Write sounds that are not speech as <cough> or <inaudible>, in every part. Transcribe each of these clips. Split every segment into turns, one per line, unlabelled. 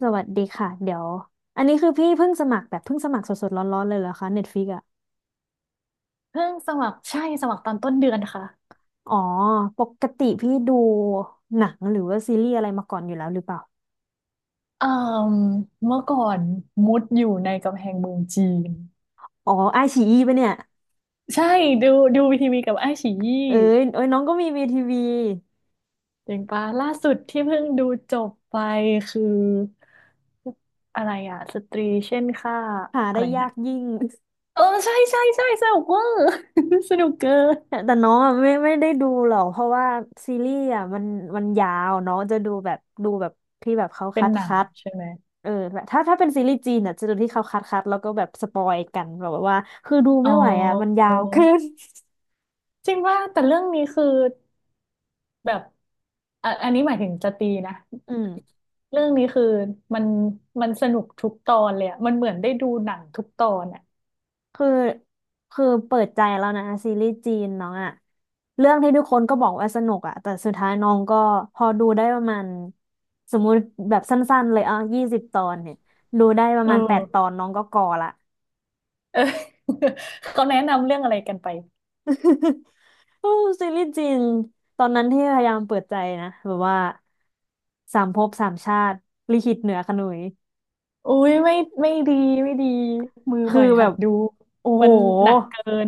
สวัสดีค่ะเดี๋ยวอันนี้คือพี่เพิ่งสมัครแบบเพิ่งสมัครสดๆร้อนๆเลยเหรอคะ Netflix อ่ะ
เพิ่งสมัครใช่สมัครตอนต้นเดือนค่ะ
อ๋อปกติพี่ดูหนังหรือว่าซีรีส์อะไรมาก่อนอยู่แล้วหรือเปล่า
เอ่มเมื่อก่อนมุดอยู่ในกำแพงเมืองจีน
อ๋อไอชีอีปะเนี่ย
ใช่ดูดูวีทีวีกับไอ้ายฉียี่
เอ้ยเอ้ยน้องก็มีวีทีวี
เจ๋งปะล่าสุดที่เพิ่งดูจบไปคืออะไรอะสตรีเช่นค่า
หา
อะ
ได้
ไร
ยา
นะ
กยิ่ง <laughs>
เออใช่ใช่ใช่สนุกเวอร์ <laughs> สนุกเกิน
แต่น้องอะไม่ได้ดูหรอกเพราะว่าซีรีส์อ่ะมันมันยาวน้องจะดูแบบดูแบบที่แบบเขา
เป็น
คัด
หนัง
คัด
ใช่ไหม
เออแบบถ้าเป็นซีรีส์จีนอ่ะจะดูที่เขาคัดแล้วก็แบบสปอยกันแบบว่าคือดู
อ๋อ
ไม่ไหวอ่ะมันยาวเกิน
จริงว่าแต่เรื่องนี้คือ แบบอ่ะอันนี้หมายถึงจะตีนะ
อืม
เรื่องนี้คือมันมันสนุกทุกตอนเลยอะมันเหมือนได้ดูหนังทุกตอนอะ
คือคือเปิดใจแล้วนะซีรีส์จีนน้องอะเรื่องที่ทุกคนก็บอกว่าสนุกอะแต่สุดท้ายน้องก็พอดูได้ประมาณสมมุติแบบสั้นๆเลยอ่ะยี่สิบตอนเนี่ยดูได้ประ
เอ
มาณแป
อ
ดตอนน้องก็กอละ
เออ <laughs> เขาแนะนำเรื่องอะไรกันไป
<laughs> โอ้ซีรีส์จีนตอนนั้นที่พยายามเปิดใจนะแบบว่าสามภพสามชาติลิขิตเหนือขนุย
อุ้ยไม่ไม่ดีไม่ดีมือให
คือ
ม่
แบ
หัด
บ
ดู
โอ้
มั
โห
นหนักเกิน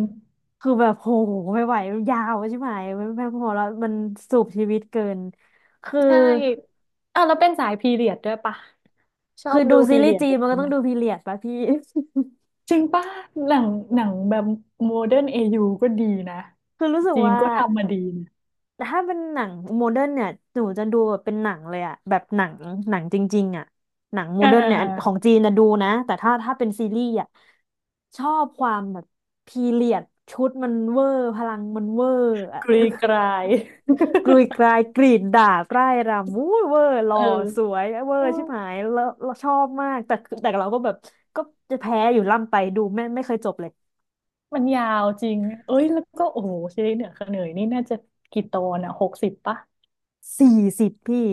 คือแบบโหไม่ไหวยาวใช่ไหมไม่พอแล้วมันสูบชีวิตเกินคือ
ใช่อ่ะแล้วเป็นสายพีเรียดด้วยปะชอ
คือ
บ
ดู
ดู
ซี
พี
รี
เรี
ส์
ยด
จี
อะไร
น
อย่า
มั
ง
นก็
เงี้ย
ต้
ไห
อ
ม
งดูพีเรียดป่ะพี่
จริงป่ะหนังหนังแบบโมเดิร์นเอยูก็ดีนะ
<laughs> คือรู้สึก
จีน
ว่า
ก็ทำมาดีนะ
ถ้าเป็นหนังโมเดิร์นเนี่ยหนูจะดูแบบเป็นหนังเลยอะแบบหนังหนังจริงๆอะหนังโม
อ่า
เดิร์น
อ่า
เนี่ยอันของจีนนะดูนะแต่ถ้าเป็นซีรีส์อะชอบความแบบพีเรียดชุดมันเวอร์พลังมันเวอร์อะ
กรีกราย
ก
<laughs>
รุยกรายกรีดดาดร่ายรำอู้ยเวอร์หล่อ
เอ
สว
อ
ยเวอร์ชิบหายแล้วแลชอบมากแต่เราก็แบบก็จะแพ้อยู่ล่ำไปดูไม่เคยจบเลย
มันยาวจริงเอ้ยแล้วก็โอ้โหซีรีส์เหนือเขนยนี่น่าจะกี่ตอนอ่ะ60 ปะ
40 พี่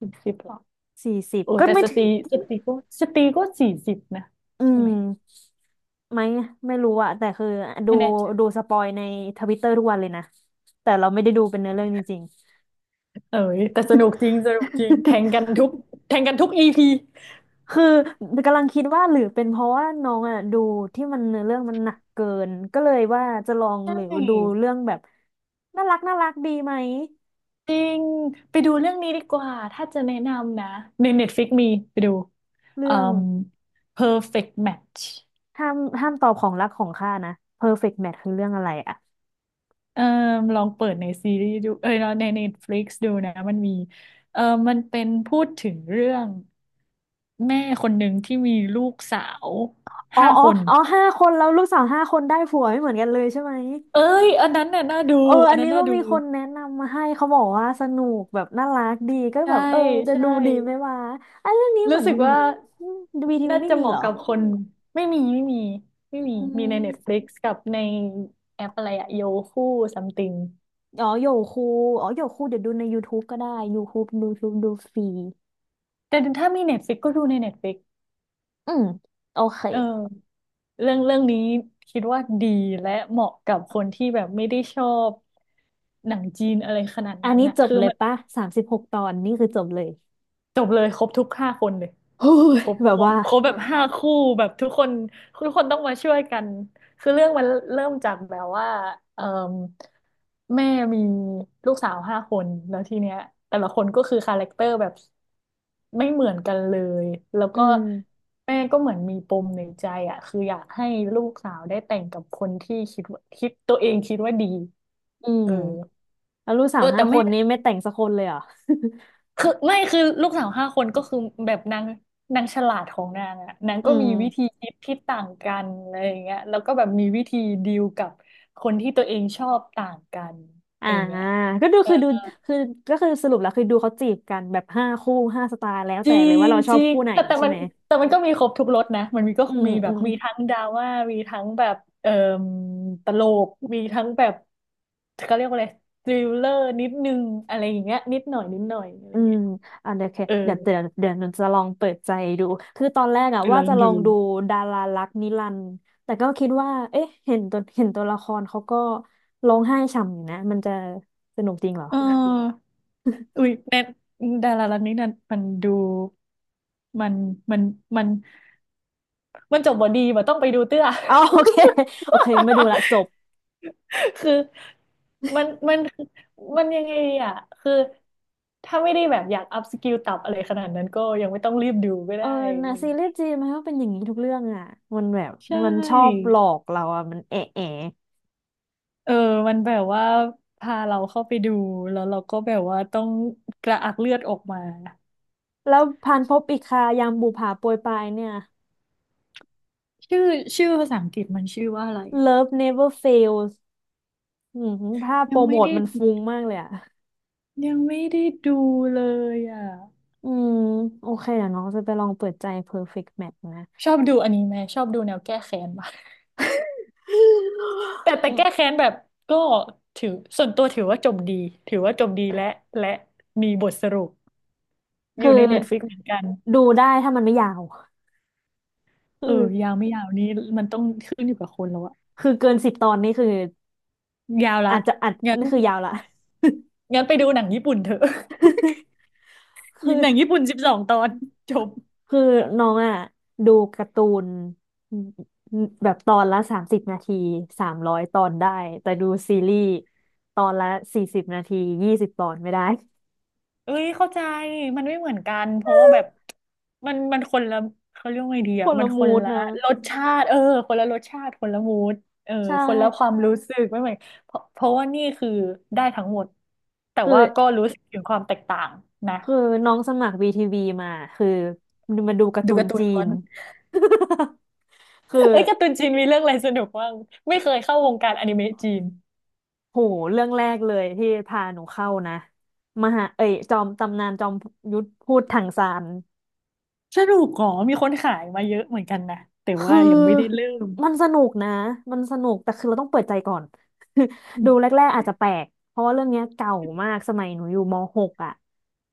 60 หรอ
สี่สิบ
โอ้
ก็
แต่
ไม่
ส
ถึ
ต
ง
รีสตรีก็สตรีก็40 นะ
อื
ใช่ไห
ม
ม
ไม่ไม่รู้อะแต่คือดู
ไม่แน่ใจ
ดูสปอยในทวิตเตอร์ทุกวันเลยนะแต่เราไม่ได้ดูเป็นเนื้อเรื่องจริงๆ
เอ้ยแต่สนุกจริงสนุกจริงแทงกันทุกอีพี
คือกำลังคิดว่าหรือเป็นเพราะว่าน้องอ่ะดูที่มันเนื้อเรื่องมันหนักเกินก็เลยว่าจะลอง
ใช
หรือดู
่
เรื่องแบบน่ารักน่ารักดีไหม
จริงไปดูเรื่องนี้ดีกว่าถ้าจะแนะนำนะใน Netflix มีไปดู
เรื่
อื
อง
ม Perfect Match
ห้ามห้ามตอบของรักของข้านะ Perfect Match คือเรื่องอะไรอ่ะ
เออลองเปิดในซีรีส์ดูเอ้ยเนาะใน Netflix ดูนะมันมีเออมันเป็นพูดถึงเรื่องแม่คนหนึ่งที่มีลูกสาว
อ๋อ
ห้า
อ๋อ
คน
อ๋อห้าคนแล้วลูกสาวห้าคนได้ผัวไม่เหมือนกันเลยใช่ไหม
เอ้ยอันนั้นน่ะน่าดู
เออ
อั
อั
น
น
นั้น
นี้
น่า
ก็
ดู
มีคนแนะนำมาให้เขาบอกว่าสนุกแบบน่ารักดีก็
ใช่
แบบเออจะ
ใช่
ดูดีไหมวะไอ้เรื่องนี้เห
รู้
มือน
สึกว่า
วีทีวี
น่า
ไม่
จะ
มี
เหมาะ
เหรอ
กับคนไม่มีไม่มีไม่มี
อื
มีใน
ม
Netflix กับในแอปอะไรอะโยคู e ซัมติง
อ๋อโยคูอ๋อโยคูเดี๋ยวดูใน YouTube ก็ได้ YouTube ดูฟรี
แต่ถ้ามี Netflix ก็ดูใน Netflix
อืมโอเค
เออ เรื่องนี้คิดว่าดีและเหมาะกับคนที่แบบไม่ได้ชอบหนังจีนอะไรขนาด
อัน
นั้น
นี้
น่ะ
จบ
คือ
เลย
มัน
ปะ36 ตอนนี่คือจบเลย
จบเลยครบทุกห้าคนเลย
โอ้ย
ครบ
แบ
ค
บ
รบ
ว่า
ครบแบบห้าคู่แบบทุกคนทุกคนต้องมาช่วยกันคือเรื่องมันเริ่มจากแบบว่าเอ่แม่มีลูกสาวห้าคนแล้วทีเนี้ยแต่ละคนก็คือคาแรคเตอร์แบบไม่เหมือนกันเลยแล้ว
อื
ก็
ม
แม่ก็เหมือนมีปมในใจอ่ะคืออยากให้ลูกสาวได้แต่งกับคนที่คิดว่าคิดตัวเองคิดว่าดี
อืม
เออ
แล้วลูกสา
เอ
ว
อ
ห้า
แต่
ค
แม่
นนี้ไม่แต่งสักคนเลยเหรอ
คือไม่คือลูกสาวห้าคนก็คือแบบนางนางฉลาดของนางอะนาง
อื
ก็มีวิธี
ม
คิดที่ต่างกันอะไรอย่างเงี้ยแล้วก็แบบมีวิธีดีลกับคนที่ตัวเองชอบต่างกันอะไร
อ่า
อย่างเงี้ย
ก็ดูคือดูคือก็คือสรุปแล้วคือดูเขาจีบกันแบบห้าคู่ห้าสไตล์แล้ว
จ
แต่
ริ
เลยว่า
ง
เราช
จ
อบ
ริง
คู่ไหน
แต่
ใช่
มัน
ไหม
แต่มันก็มีครบทุกรสนะมันมีก็
อืม
มีแบ
อื
บ
มอื
มี
ม
ทั้งดราม่ามีทั้งแบบเอ่อตลกมีทั้งแบบเขาเรียกว่าอะไรทริลเลอร์นิดนึงอะไรอย่างเงี้ยนิดหน่อยนิดหน่อยอะไร
อืม
เงี้ย
อ่ะเดี๋ยวเค
เออ
เดี๋ยวหนูจะลองเปิดใจดู คือตอนแรกอะ
ไปล
ว่า
อง
จะล
ดู
องดูดารารักนิรันดร์แต่ก็คิดว่าเอ๊ะเห็นตัวละครเขาก็ร้องไห้ฉ่ำอยู่นะ มันจะสนุกจริงเหรอ
เออ อุ๊ยแน็ดารารันนี้นั่นมันดูมันมันมันมันจบบ่ดีว่าต้องไปดูเตื้อ
อ๋อ <laughs> โอเคโอเคไม่ดูละจบ
<laughs> คือมันมันยังไงดีอ่ะคือถ้าไม่ได้แบบอยากอัพสกิลตับอะไรขนาดนั้นก็ยังไม่ต้องรีบดูก็
เออ
ได้
นะซีรีส์จีนมันก็เป็นอย่างนี้ทุกเรื่องอะมันแบบ
ใช
มันชอบ
่
หลอกเราอะมันเอะแอะ
เออ มันแบบว่าพาเราเข้าไปดูแล้วเราก็แบบว่าต้องกระอักเลือดออกมา
แล้วพันภพอีกคายามบุปผาโปรยปรายเนี่ย
ชื่อชื่อภาษาอังกฤษมันชื่อว่าอะไรอ่ะ
Love Never Fails อืมภาพโป
ยั
ร
ง
โม
ไม่
ท
ได้
มันฟุ้งมากเลยอะ
ยังไม่ได้ดูเลยอ่ะ
อืมโอเคเดี๋ยวน้องจะไปลองเปิดใจ Perfect Match นะ
ชอบดูอนิเมะชอบดูแนวแก้แค้นมากแต่
<gasps>
แต่
อื
แก้
ม
แค้นแบบก็ถือส่วนตัวถือว่าจบดีถือว่าจบดีและและมีบทสรุปอ
คือ
ยู่ในเน็ตฟลิกเหมือนกัน
ดูได้ถ้ามันไม่ยาวคื
เออยา
อ
วไม่ยาวนี้มันต้องขึ้นอยู่กับคนแล้วอะ
คือเกินสิบตอนนี่คือ
ยาวละ
อาจจะอัด
งั้น
นี่คือยาวละ
งั้นไปดูหนังญี่ปุ่นเถอะ
<laughs> คือ
<laughs> หนังญี่ปุ่น12 ตอนจบ
คือน้องอ่ะดูการ์ตูนแบบตอนละ30 นาที300 ตอนได้แต่ดูซีรีส์ตอนละ40 นาทียี่สิบตอนไม่ได้
เอ้ยเข้าใจมันไม่เหมือนกันเพราะว่าแบบมันคนละเขาเรียกว่าไงดี
<laughs> ค
อ่ะ
น
มัน
ละ
คน
มูด
ละ
นะ
รสชาติเออคนละรสชาติคนละมูดเออ
ใช่
คนละความรู้สึกไม่เหมือนเพราะว่านี่คือได้ทั้งหมดแต่
คือ
ว่าก็รู้สึกถึงความแตกต่างนะ
คือน้องสมัคร VTV มาคือมาดูการ์
ดู
ตูน
การ์ตูน
จี
ล้ว
น
น
<laughs> คือ
เอ้ยการ์ตูนจีนมีเรื่องอะไรสนุกบ้างไม่เคยเข้าวงการอนิเมะจีน
โหเรื่องแรกเลยที่พาหนูเข้านะมหาเอ้ยจอมตำนานจอมยุทธพูดถังซาน
สนุกอ๋อมีคนขายมาเยอะเหมือนกันนะแต่
คื
ว่ายังไม่ได้
อ
เริ่ม
มันสนุกนะมันสนุกแต่คือเราต้องเปิดใจก่อน
อื
<laughs> ดู
ม
แรกๆอาจจะแปลกเพราะว่าเรื่องเนี้ยเก่ามากสมัยหนูอยู่ม .6 อ่ะ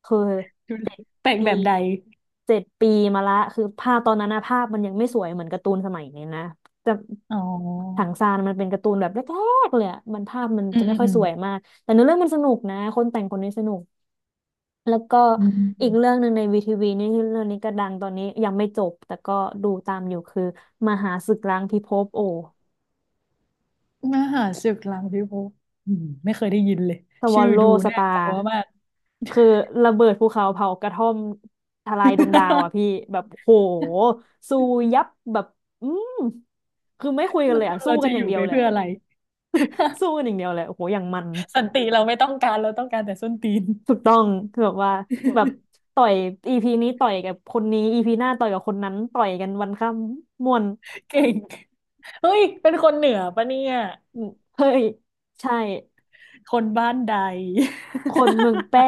คือ
ดู
เจ็ด
แปลก
ปี
แบบใด
เจ็ดปีมาละคือภาพตอนนั้นนะภาพมันยังไม่สวยเหมือนการ์ตูนสมัยนี้นะจะ
อ๋อ
ถังซานมันเป็นการ์ตูนแบบแรกๆเลยอะมันภาพมัน
อืม
จะไม่
อืม
ค่อ
อื
ย
ม
สวยมากแต่เนื้อเรื่องมันสนุกนะคนแต่งคนนี้สนุกแล้วก็
อื
อีกเรื่
ม
องหนึ่งในวีทีวีนี่เรื่องนี้ก็ดังตอนนี้ยังไม่จบแต่ก็ดูตามอยู่คือมหาศึกล้างพิภพโอ
มหารศึกหลังพิภพอืมไม่เคยได้ยินเลย
สวอ
ชื่อ
ลโล
ดู
ส
น่า
ตา
ก
ร์
ลัวมาก
คือระเบิดภูเขาเผากระท่อมทลายดวงดาวอ่ะพี่แบบโห
<laughs>
สู้ยับแบบอืมคือไม่คุยกัน
แล้ว
เลย
ค
อ่ะ
น
สู้
เรา
กั
จะ
นอ
อ
ย่าง
ยู่
เดีย
ไป
วเลย
เพื่อ
อะ
อะไร
<laughs> สู้กันอย่างเดียวเลยโอ้โหอย่างมัน
สันติเราไม่ต้องการเราต้องการแต่ส้นตีน
ถูกต้องคือแบบว่าแบบ
<laughs>
ต่อยอีพีนี้ต่อยกับคนนี้อีพีหน้าต่อยกับคนนั้นต่อยกันวันค่ำม่วน
เก่ง เฮ้ยเป็นคนเหนือปะเนี่ย
อืมเฮ้ยใช่
คนบ้านใด
คนเมืองแป้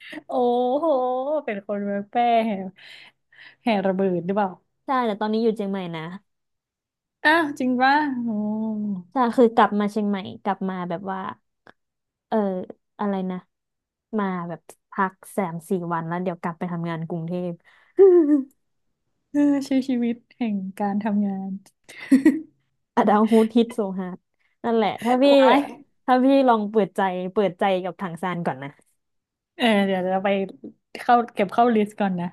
<laughs> โอ้โห เป็นคนเมืองแพร่แห่แห่ระเบิดหรือเปล่า
ใช่แต่ตอนนี้อยู่เชียงใหม่นะ
อ้าวจริงป่ะโอ้
ใช่คือกลับมาเชียงใหม่กลับมาแบบว่าเอออะไรนะมาแบบพักสามสี่วันแล้วเดี๋ยวกลับไปทำงานกรุงเทพ <laughs>
เออใช้ชีวิตแห่งการทำงาน
อะดาวฮูดฮิตโซฮาร์ดนั่นแหละถ้าพี่
<laughs> ว้าย
ถ้าพี่ลองเปิดใจเปิดใจกับถังซานก่อนนะ
เออเดี๋ยวเราไปเข้าเก็บเข้าลิสต์ก่อนนะ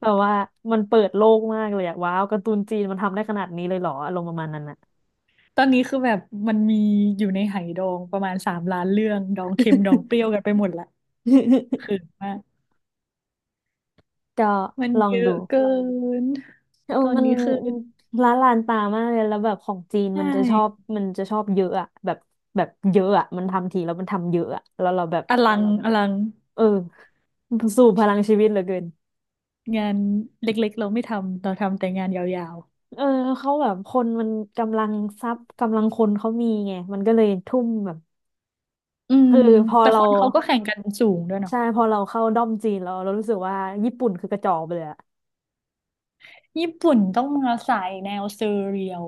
แบบว่ามันเปิดโลกมากเลยอะว้าวการ์ตูนจีนมันทำได้ขนาดนี้เลยเหรออารมณ์ประมาณนั้นอะ
ตอนนี้คือแบบมันมีอยู่ในไหดองประมาณสามล้านเรื่องดองเค็มดองเปรี้ยวกันไปหมดละคือมาก
<laughs> ก็
มัน
ลอ
เย
ง
อะ
ดู
เกิน
เออ
ตอน
มัน
นี้คือ
ละลานตามากเลย แล้วแบบของจีน
ใช่
มันจะชอบมันจะชอบเยอะอะแบบแบบเยอะอะมันทำทีแล้วมันทำเยอะอะแล้วเราแบบ
อลังอลัง
เออสู่พลังชีวิตเหลือเกิน
งานเล็กๆเราไม่ทำเราทำแต่งานยาว
เออเขาแบบคนมันกำลังทรัพย์กำลังคนเขามีไง มันก็เลยทุ่มแบบ
ๆ
คือพอ
แต่ค
เรา
นเขาก็แข่งกันสูงด้วยเนาะ
ใช่พอเราเข้าด้อมจีนเราเรารู้สึกว่าญี่ปุ่นคือกระจอกไปเลยอะ
ญี่ปุ่นต้องมาสายแนวเซเรียล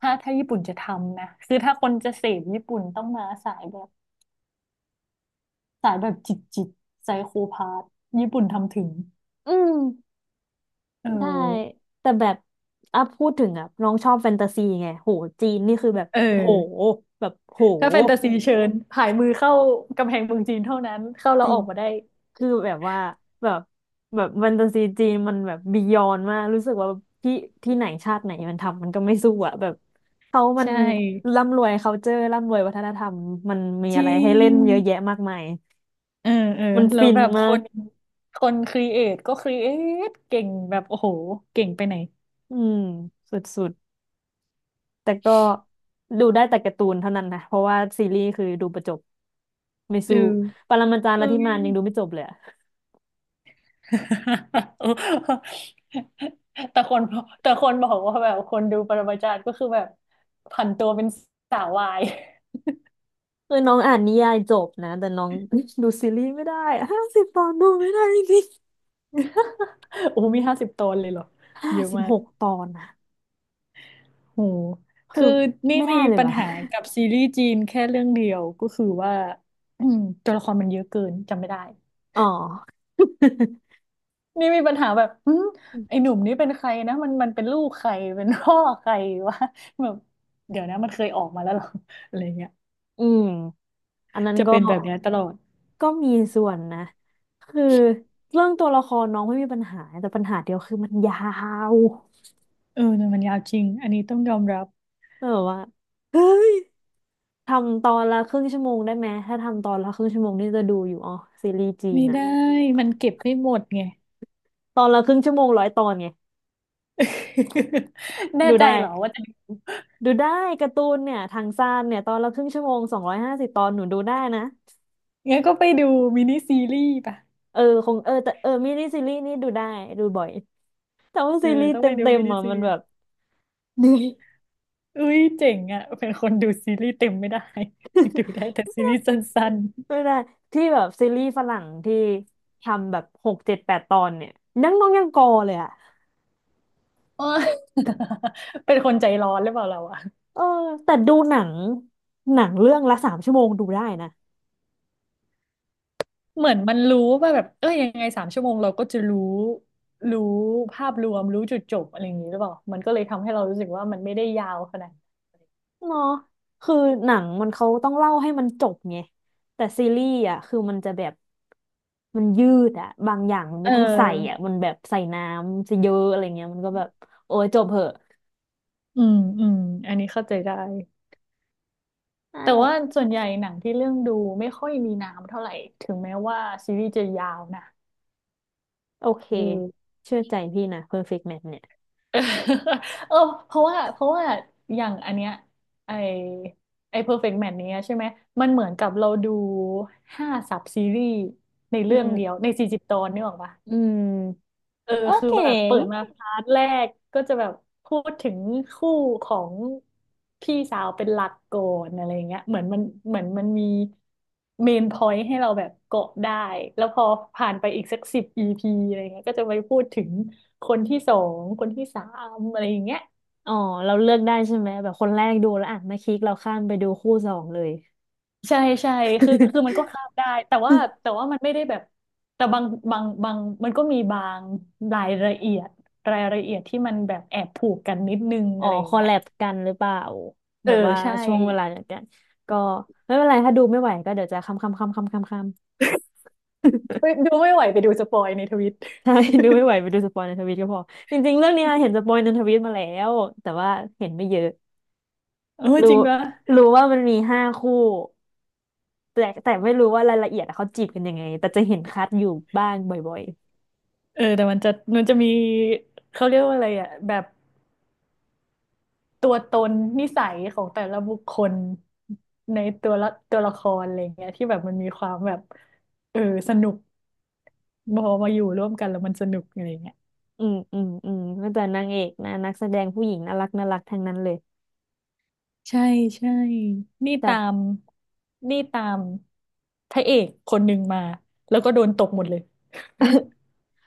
ถ้าญี่ปุ่นจะทำนะคือถ้าคนจะเสพญี่ปุ่นต้องมาสายแบบสายแบบจิตจิตไซโคพาธญี่ปุ่นทำถึง
อืม
เออ
ได้แต่แบบอ่ะพูดถึงอ่ะน้องชอบแฟนตาซีไงโหจีนนี่คือแบบ
เอ
โห
อ
แบบโห
ถ้าแฟนตาซีเชิญผายมือเข้ากำแพงเมืองจีนเท่านั้นเข้าแล้
จ
ว
ริ
อ
ง
อกมาได้
คือแบบว่าแบบแบบแฟนตาซีจีนมันแบบบียอนมากรู้สึกว่าที่ที่ไหนชาติไหนมันทำมันก็ไม่สู้อ่ะแบบเขามัน
ใช่
ร่ำรวย culture ร่ำรวยวัฒนธรรมมันมี
จ
อะ
ริ
ไรให้
ง
เล่นเยอะแยะมากมาย
เออเออ
มัน
แล้ว
ฟิน
แบบค
มาก
นคนครีเอทก็ครีเอทเก่งแบบโอ้โหเก่งไปไหน
อืมสุดๆ แต่ก็ดูได้แต่การ์ตูนเท่านั้นนะเพราะว่าซีรีส์คือดูประจบไม่
เอ
สู้
อ
ปรมาจารย์
เอ้
ลัทธิ
ย
มานยังดูไม่จบเลยอะ
<laughs> แต่คนแต่คนบอกว่าแบบคนดูปรมาจารย์ก็คือแบบผันตัวเป็นสาววาย
คือน้องอ่านนิยายจบนะแต่น้อง <laughs> ดูซีรีส์ไม่ได้50 ตอนดูไม่ได้จริง
<laughs> โอ้โหมีห้าสิบตนเลยเหรอ
ห้า
เยอะ
สิบ
มา
ห
ก
กตอนนะ
โห
คือ
คือนี่
ไม่ได้
มี
เลย
ปัญ
ว่ะ
หากับซีรีส์จีนแค่เรื่องเดียวก็คือว่า <clears throat> อืมตัวละครมันเยอะเกินจำไม่ได้
อ๋อ
นี่มีปัญหาแบบหึไอ้
<laughs>
หนุ่มนี่เป็นใครนะมันเป็นลูกใครเป็นพ่อใครวะแบบเดี๋ยวนะมันเคยออกมาแล้วเหรอ <laughs> อะไรเงี้ย
อืมอันนั้น
จะ
ก็
เป็นแบบเนี้ยตลอด
ก็มีส่วนนะคือเรื่องตัวละครน้องไม่มีปัญหาแต่ปัญหาเดียวคือมันยาว
เออ่มันยาวจริงอันนี้ต้องยอมรับ
แบบว่าเฮ้ย ทำตอนละครึ่งชั่วโมงได้ไหมถ้าทำตอนละครึ่งชั่วโมงนี่จะดูอยู่อ๋อซีรีส์จีน
ไม่
อะ
ได้มเก็บไม่หมดไง
ตอนละครึ่งชั่วโมง100 ตอนไง
<laughs> แน่
ดู
ใจ
ได้
เหรอว่าจะ
ดูได้การ์ตูนเนี่ยทางซ่านเนี่ยตอนละครึ่งชั่วโมง250 ตอนหนูดูได้นะ
งั้นก็ไปดูมินิซีรีส์ป่ะ
คงเออแต่เออมินิซีรีส์นี่ดูได้ดูบ่อยแต่ว่า
เออ
ซีรีส์
ต้อง
เต
ไปดู
็ม
มินิ
ๆอ่ะ
ซี
มัน
รี
แบบ
ส์
<laughs> เหนื่อย
อุ้ยเจ๋งอ่ะเป็นคนดูซีรีส์เต็มไม่ได้ <laughs> ดูได้แต่ซีรีส์สั้น
ไม่ได้ที่แบบซีรีส์ฝรั่งที่ทำแบบหกเจ็ดแปดตอนเนี่ยยังน้องยังกอเลยอะ
ๆเอย <laughs> เป็นคนใจร้อนหรือเปล่าเราอะ
เออแต่ดูหนังหนังเรื่องละ3 ชั่วโมงดูได้นะ
เหมือนมันรู้ว่าแบบเอ้ยยังไงสามชั่วโมงเราก็จะรู้รู้ภาพรวมรู้จุดจบอะไรอย่างนี้หรือเปล่ามันก็เลยทำให้เรารู้สึกว่ามันไม่ได้ยาวขนาด
เนาะคือหนังมันเขาต้องเล่าให้มันจบไงแต่ซีรีส์อ่ะคือมันจะแบบมันยืดอ่ะบางอย่างมัน
เ
ไม่ต้องใส่อ่ะ
ออ
มันแบบใส่น้ำซะเยอะอะไรเงี้ยมันก็แบบโอ้ยจบเหอะ
อืมอันนี้เข้าใจได้
นั่
แต่
นแหละ
ว่าส่วนใหญ่หนังที่เรื่องดูไม่ค่อยมีน้ำเท่าไหร่ถึงแม้ว่าซีรีส์จะยาวนะ
โอเคเชื่อใจพี่นะ Perfect Match เนี่ย
เออเออเพราะว่าอย่างอันเนี้ยไอไอ Perfect Match เนี้ยใช่ไหมมันเหมือนกับเราดูห้าซับซีรีส์ใน
อื
เรื่อง
ม
เดียวในสี่สิบตอนนี่หรอกปะ
อืม
เออ
โอ
คือ
เค
แบบเปิดมาพาร์ทแรกก็จะแบบพูดถึงคู่ของพี่สาวเป็นหลักก่อนอะไรเงี้ยเหมือนมันมีเมนพอยต์ให้เราแบบเกาะได้แล้วพอผ่านไปอีกสักสิบ EP อะไรเงี้ยก็จะไปพูดถึงคนที่สองคนที่สามอะไรอย่างเงี้ย
อ๋อเราเลือกได้ใช่ไหมแบบคนแรกดูแล้วอ่ะมาคลิกเราข้ามไปดูคู่สองเลย
ใช่ใช่คือมันก็
<laughs>
ข้ามได้แต่ว่ามันไม่ได้แบบ แต่บางบางบางมันก็มีบางรายละเอียดรายละเอียดที่มันแบบแอบผูกกันนิดนึง
อ๋อ
อะไรอย่า
ค
ง
อล
เงี้ย
แลบกันหรือเปล่า
เอ
แบ
อ
บว่า
ใช่
ช่วงเวลาเดียวกัน ก็ไม่เป็นไร ถ้าดูไม่ไหวก็เดี๋ยวจะค้ำค้ำค้ำค้ำค้ำค้ำ
ไปดูไม่ไหวไปดูสปอยในทวิต
<laughs> ใช่ <laughs> ดู
<laughs>
ไม่ไหวไปดูสปอยในทวิตก็พอ จริงๆเรื่องเนี้ยเห็นสปอยในทวิตมาแล้ว แต่ว่าเห็นไม่เยอะ
เออจ
รู้
ริงปะ
รู้ว่ามันมี5 คู่แต่แต่ไม่รู้ว่ารายละเอียดอะเขาจีบกันยังไงแต่จะเห็นคัดอยู่บ้างบ่อย
เออแต่มันจะมีเขาเรียกว่าอะไรอ่ะแบบตัวตนนิสัยของแต่ละบุคคลในตัวละตัวละครอะไรอย่างเงี้ยที่แบบมันมีความแบบเออสนุกพอมาอยู่ร่วมกันแล้วมันสนุกอะไรอย่างเงี้ย
ๆอืมอืมอืมก็แต่นางเอกนะนักแสดงผู้หญิงน่ารักน่ารักทั้งนั้นเลย
ใช่ใช่ นี่ตาม
แต่
นี่ตามพระเอกคนหนึ่งมาแล้วก็โดนตกหมดเลย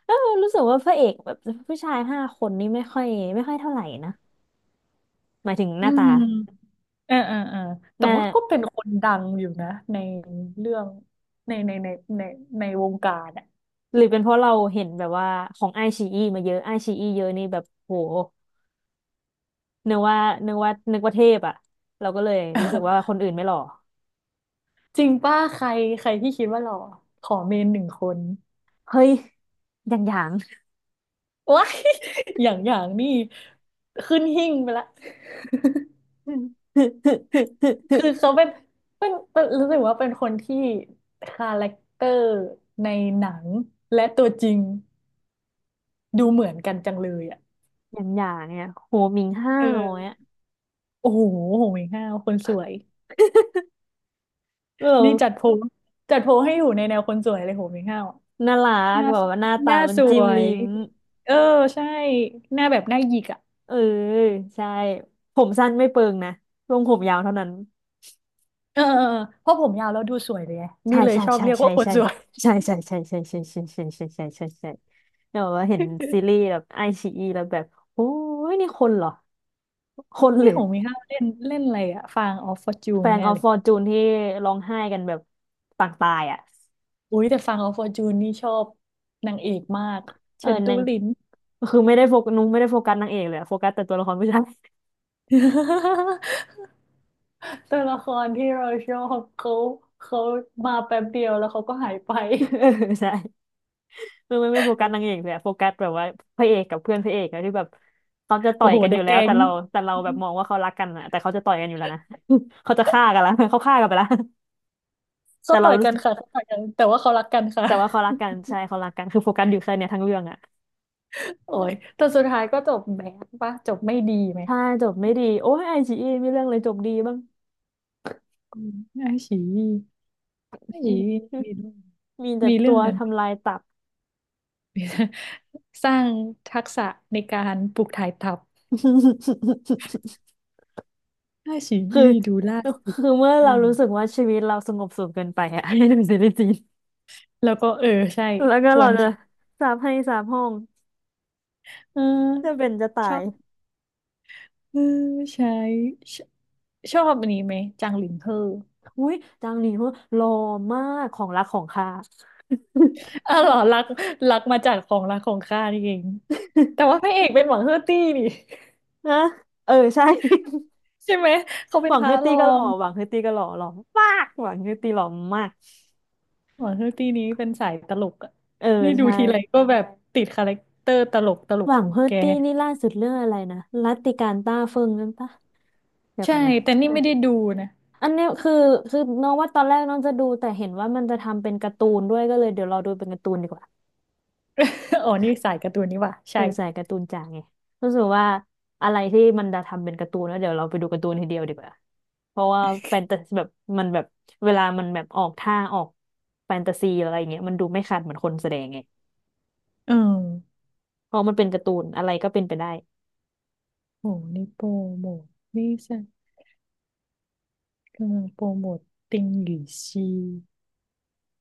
เออรู้สึกว่าพระเอกแบบผู้ชาย5 คนนี่ไม่ค่อยไม่ค่อยเท่าไหร่นะ หมายถึงห
อื
น้าตา
มอ่าอ่าอ่า
ห
แต่
น้า
ว่าก็เป็นคนดังอยู่นะในเรื่องในในในวงการอ่ะ
หรือเป็นเพราะเราเห็นแบบว่าของไอชีอีมาเยอะไอชีอีเยอะนี่แบบโหนึกว่านึกว่านึกว่าเทพอ่ะเราก็เลยรู้สึกว่าคน
<laughs>
อื่นไม่หล่อ
จริงป้าใครใครที่คิดว่าหล่อขอเมนหนึ่งคน
เฮ้ยอย่างอย่าง
ว้าย <laughs> อย่างนี่ขึ้นหิ้งไปละ
<laughs> อืม
คือเขาเป็นเป็นรู้สึกว่าเป็นคนที่คาแรคเตอร์ในหนังและตัวจริงดูเหมือนกันจังเลยอ่ะ
อย่างอย่างเนี่ยโหมิงห้า
เอ
วเนี่ย
อโอ้โหโหเมงห้าวคนสวย
เอ
นี่
อ
จัดโพลให้อยู่ในแนวคนสวยเลยโหเมงห้าวอะ
น่ารั
ห
ก
น้า
แบบว่าหน้าตามัน
ส
จิ้
ว
ม
ย
ลิ้ม
เออใช่หน้าแบบหน้าหยิกอ่ะ
เออใช่ผมสั้นไม่เปิงนะลงผมยาวเท่านั้น
เออเออเออเพราะผมยาวแล้วดูสวยเลยไงนี่
ใช่
เลย
ใช่
ชอบ
ใช่
เรียก
ใช่
ว่าคน
ใช่
สวย
ใช่ใช่ใช่ใช่ใช่ใช่ใช่ใช่ใช่ใช่ใช่เนี่ยแบบว่าเห็นซีรีส์แบบไอชีอีแล้วแบบโอ้ยนี่คนเหรอคน
<laughs>
ห
นี่
รือ
โหเมงห้าวเล่นเล่นอะไรอ่ะฟางออฟฟอร์จู
แฟ
น
ง
แน่
ออฟ
เลย
ฟอร์จูนที่ร้องไห้กันแบบต่างตายอ่ะ
อุ้ยแต่ฟังเอาฟอร์จูนนี่ชอบนางเอกมาก
เอ
เฉิ
อ
นตู
นาง
หลิน
คือไม่ได้โฟกัสนุ้งไม่ได้โฟกัสนางเอกเลยอะโฟกัสแต่ตัวละครผู้ชาย
<laughs> ตัวละครที่เราชอบเขาเขามาแป๊บเดียวแล้วเขาก็หายไป
เออใช่ไม่ไม่ไม่โฟกัสนางเอกเลยอะโฟกัสแบบว่าพระเอกกับเพื่อนพระเอกอะที่แบบเขาจะต่
โอ้
อย
โห
กัน
เด
อ
อะ
ยู่แล้ว
แก๊ง
แต่เราแต่เราแบบมองว่าเขารักกันอะแต่เขาจะต่อยกันอยู่แล้วนะ <laughs> เขาจะฆ่ากันละเขาฆ่ากันไปละ แต่
เขาต่
เรา
อย
รู้
กัน
สึก
ค่ะเขาต่อยกันแต่ว่าเขารักกันค่ะ
แต่ว่าเขารักกันใช่เขารักกันคือโฟกัสอยู่แค่เนี้ยทั้งเรื่องอะ
โอ้ยแต่สุดท้ายก็จบแบดปะจบไม่ดีไหม
ใช่จบไม่ดีโอ้ยไอจีมีเรื่องเลยจบดีบ้าง
อืมไอ้ฉีไอ้ฉีมีเรื่อง
<laughs> มีแต่
มีเรื่
ตั
อง
ว
นั้น
ทำลายตับ
สร้างทักษะในการปลูกถ่ายทัพ
<laughs>
ไอ้ฉี
คือ
ดูล่าสุด
คือเมื่อเรารู้สึกว่าชีวิตเราสงบสุขเกินไปอะ <laughs> ให้ดูซีรีส์จีน
แล้วก็เออใช่
แล้วก็
คว
เรา
ร
จะ
ค่ะ
สาปให้สาปห้อง
เออ
จะเป็นจะตา
ชอ
ย
บเออใช่ชชอบอันนี้ไหมจางหลินเฮ่อ
อุ้ยจางหนีเหัวหล่อมากของรักของข้า
อ้อเหรอรักรักมาจากของรักของข้านี่เองแต่ว่าพ
<laughs>
ระเอกเป็นหวังเฮอร์ตี้นี่
นะเออใช่
<laughs> ใช่ไหมเขาเป็
ห
น
วั
พ
งเฮ
ระ
อร์
ร
ตี้
อ
ก็หล่
ง
อหวังเฮอร์ตี้ก็หล่อหล่อมากหวังเฮอร์ตี้หล่อมาก
หวังเฮอร์ตี้นี้เป็นสายตลกอะ
เออ
นี่ดู
ใช่
ทีไรก็แบบติดคาแรคเตอร์ตลก
หวั
ข
ง
อง
เฮอ
แก
ร์ตี้นี่ล่าสุดเรื่องอะไรนะรัตติการต้าเฟิงนั่นปะเดี๋ยวกั
ใช่
นนะ
แต่นี่ไม่ได้ดูนะ
อันเนี้ยคือคือน้องว่าตอนแรกน้องจะดูแต่เห็นว่ามันจะทำเป็นการ์ตูนด้วยก็เลยเดี๋ยวรอดูเป็นการ์ตูนดีกว่า
<laughs> อ๋อนี่สายการ์ตูนนี่ว่ะ
เอ
ใช่
อใส่การ์ตูนจ๋าไงรู้สึกว่าอะไรที่มันจะทำเป็นการ์ตูนแล้วเดี๋ยวเราไปดูการ์ตูนทีเดียวดีกว่าเพราะว่าแฟนตาซีแบบมันแบบเวลามันแบบออกท่าออกแฟนตาซีอะไรอย่างเงี้ยมันดูไม่ขาดเหมือนคนแสดงไง
เออ
เพราะมันเป็นการ์ตูนอะไรก็เป็นไปได้
โหนี่โปรโมทนี่ใช่ ก็โปรโมทติงหยีซี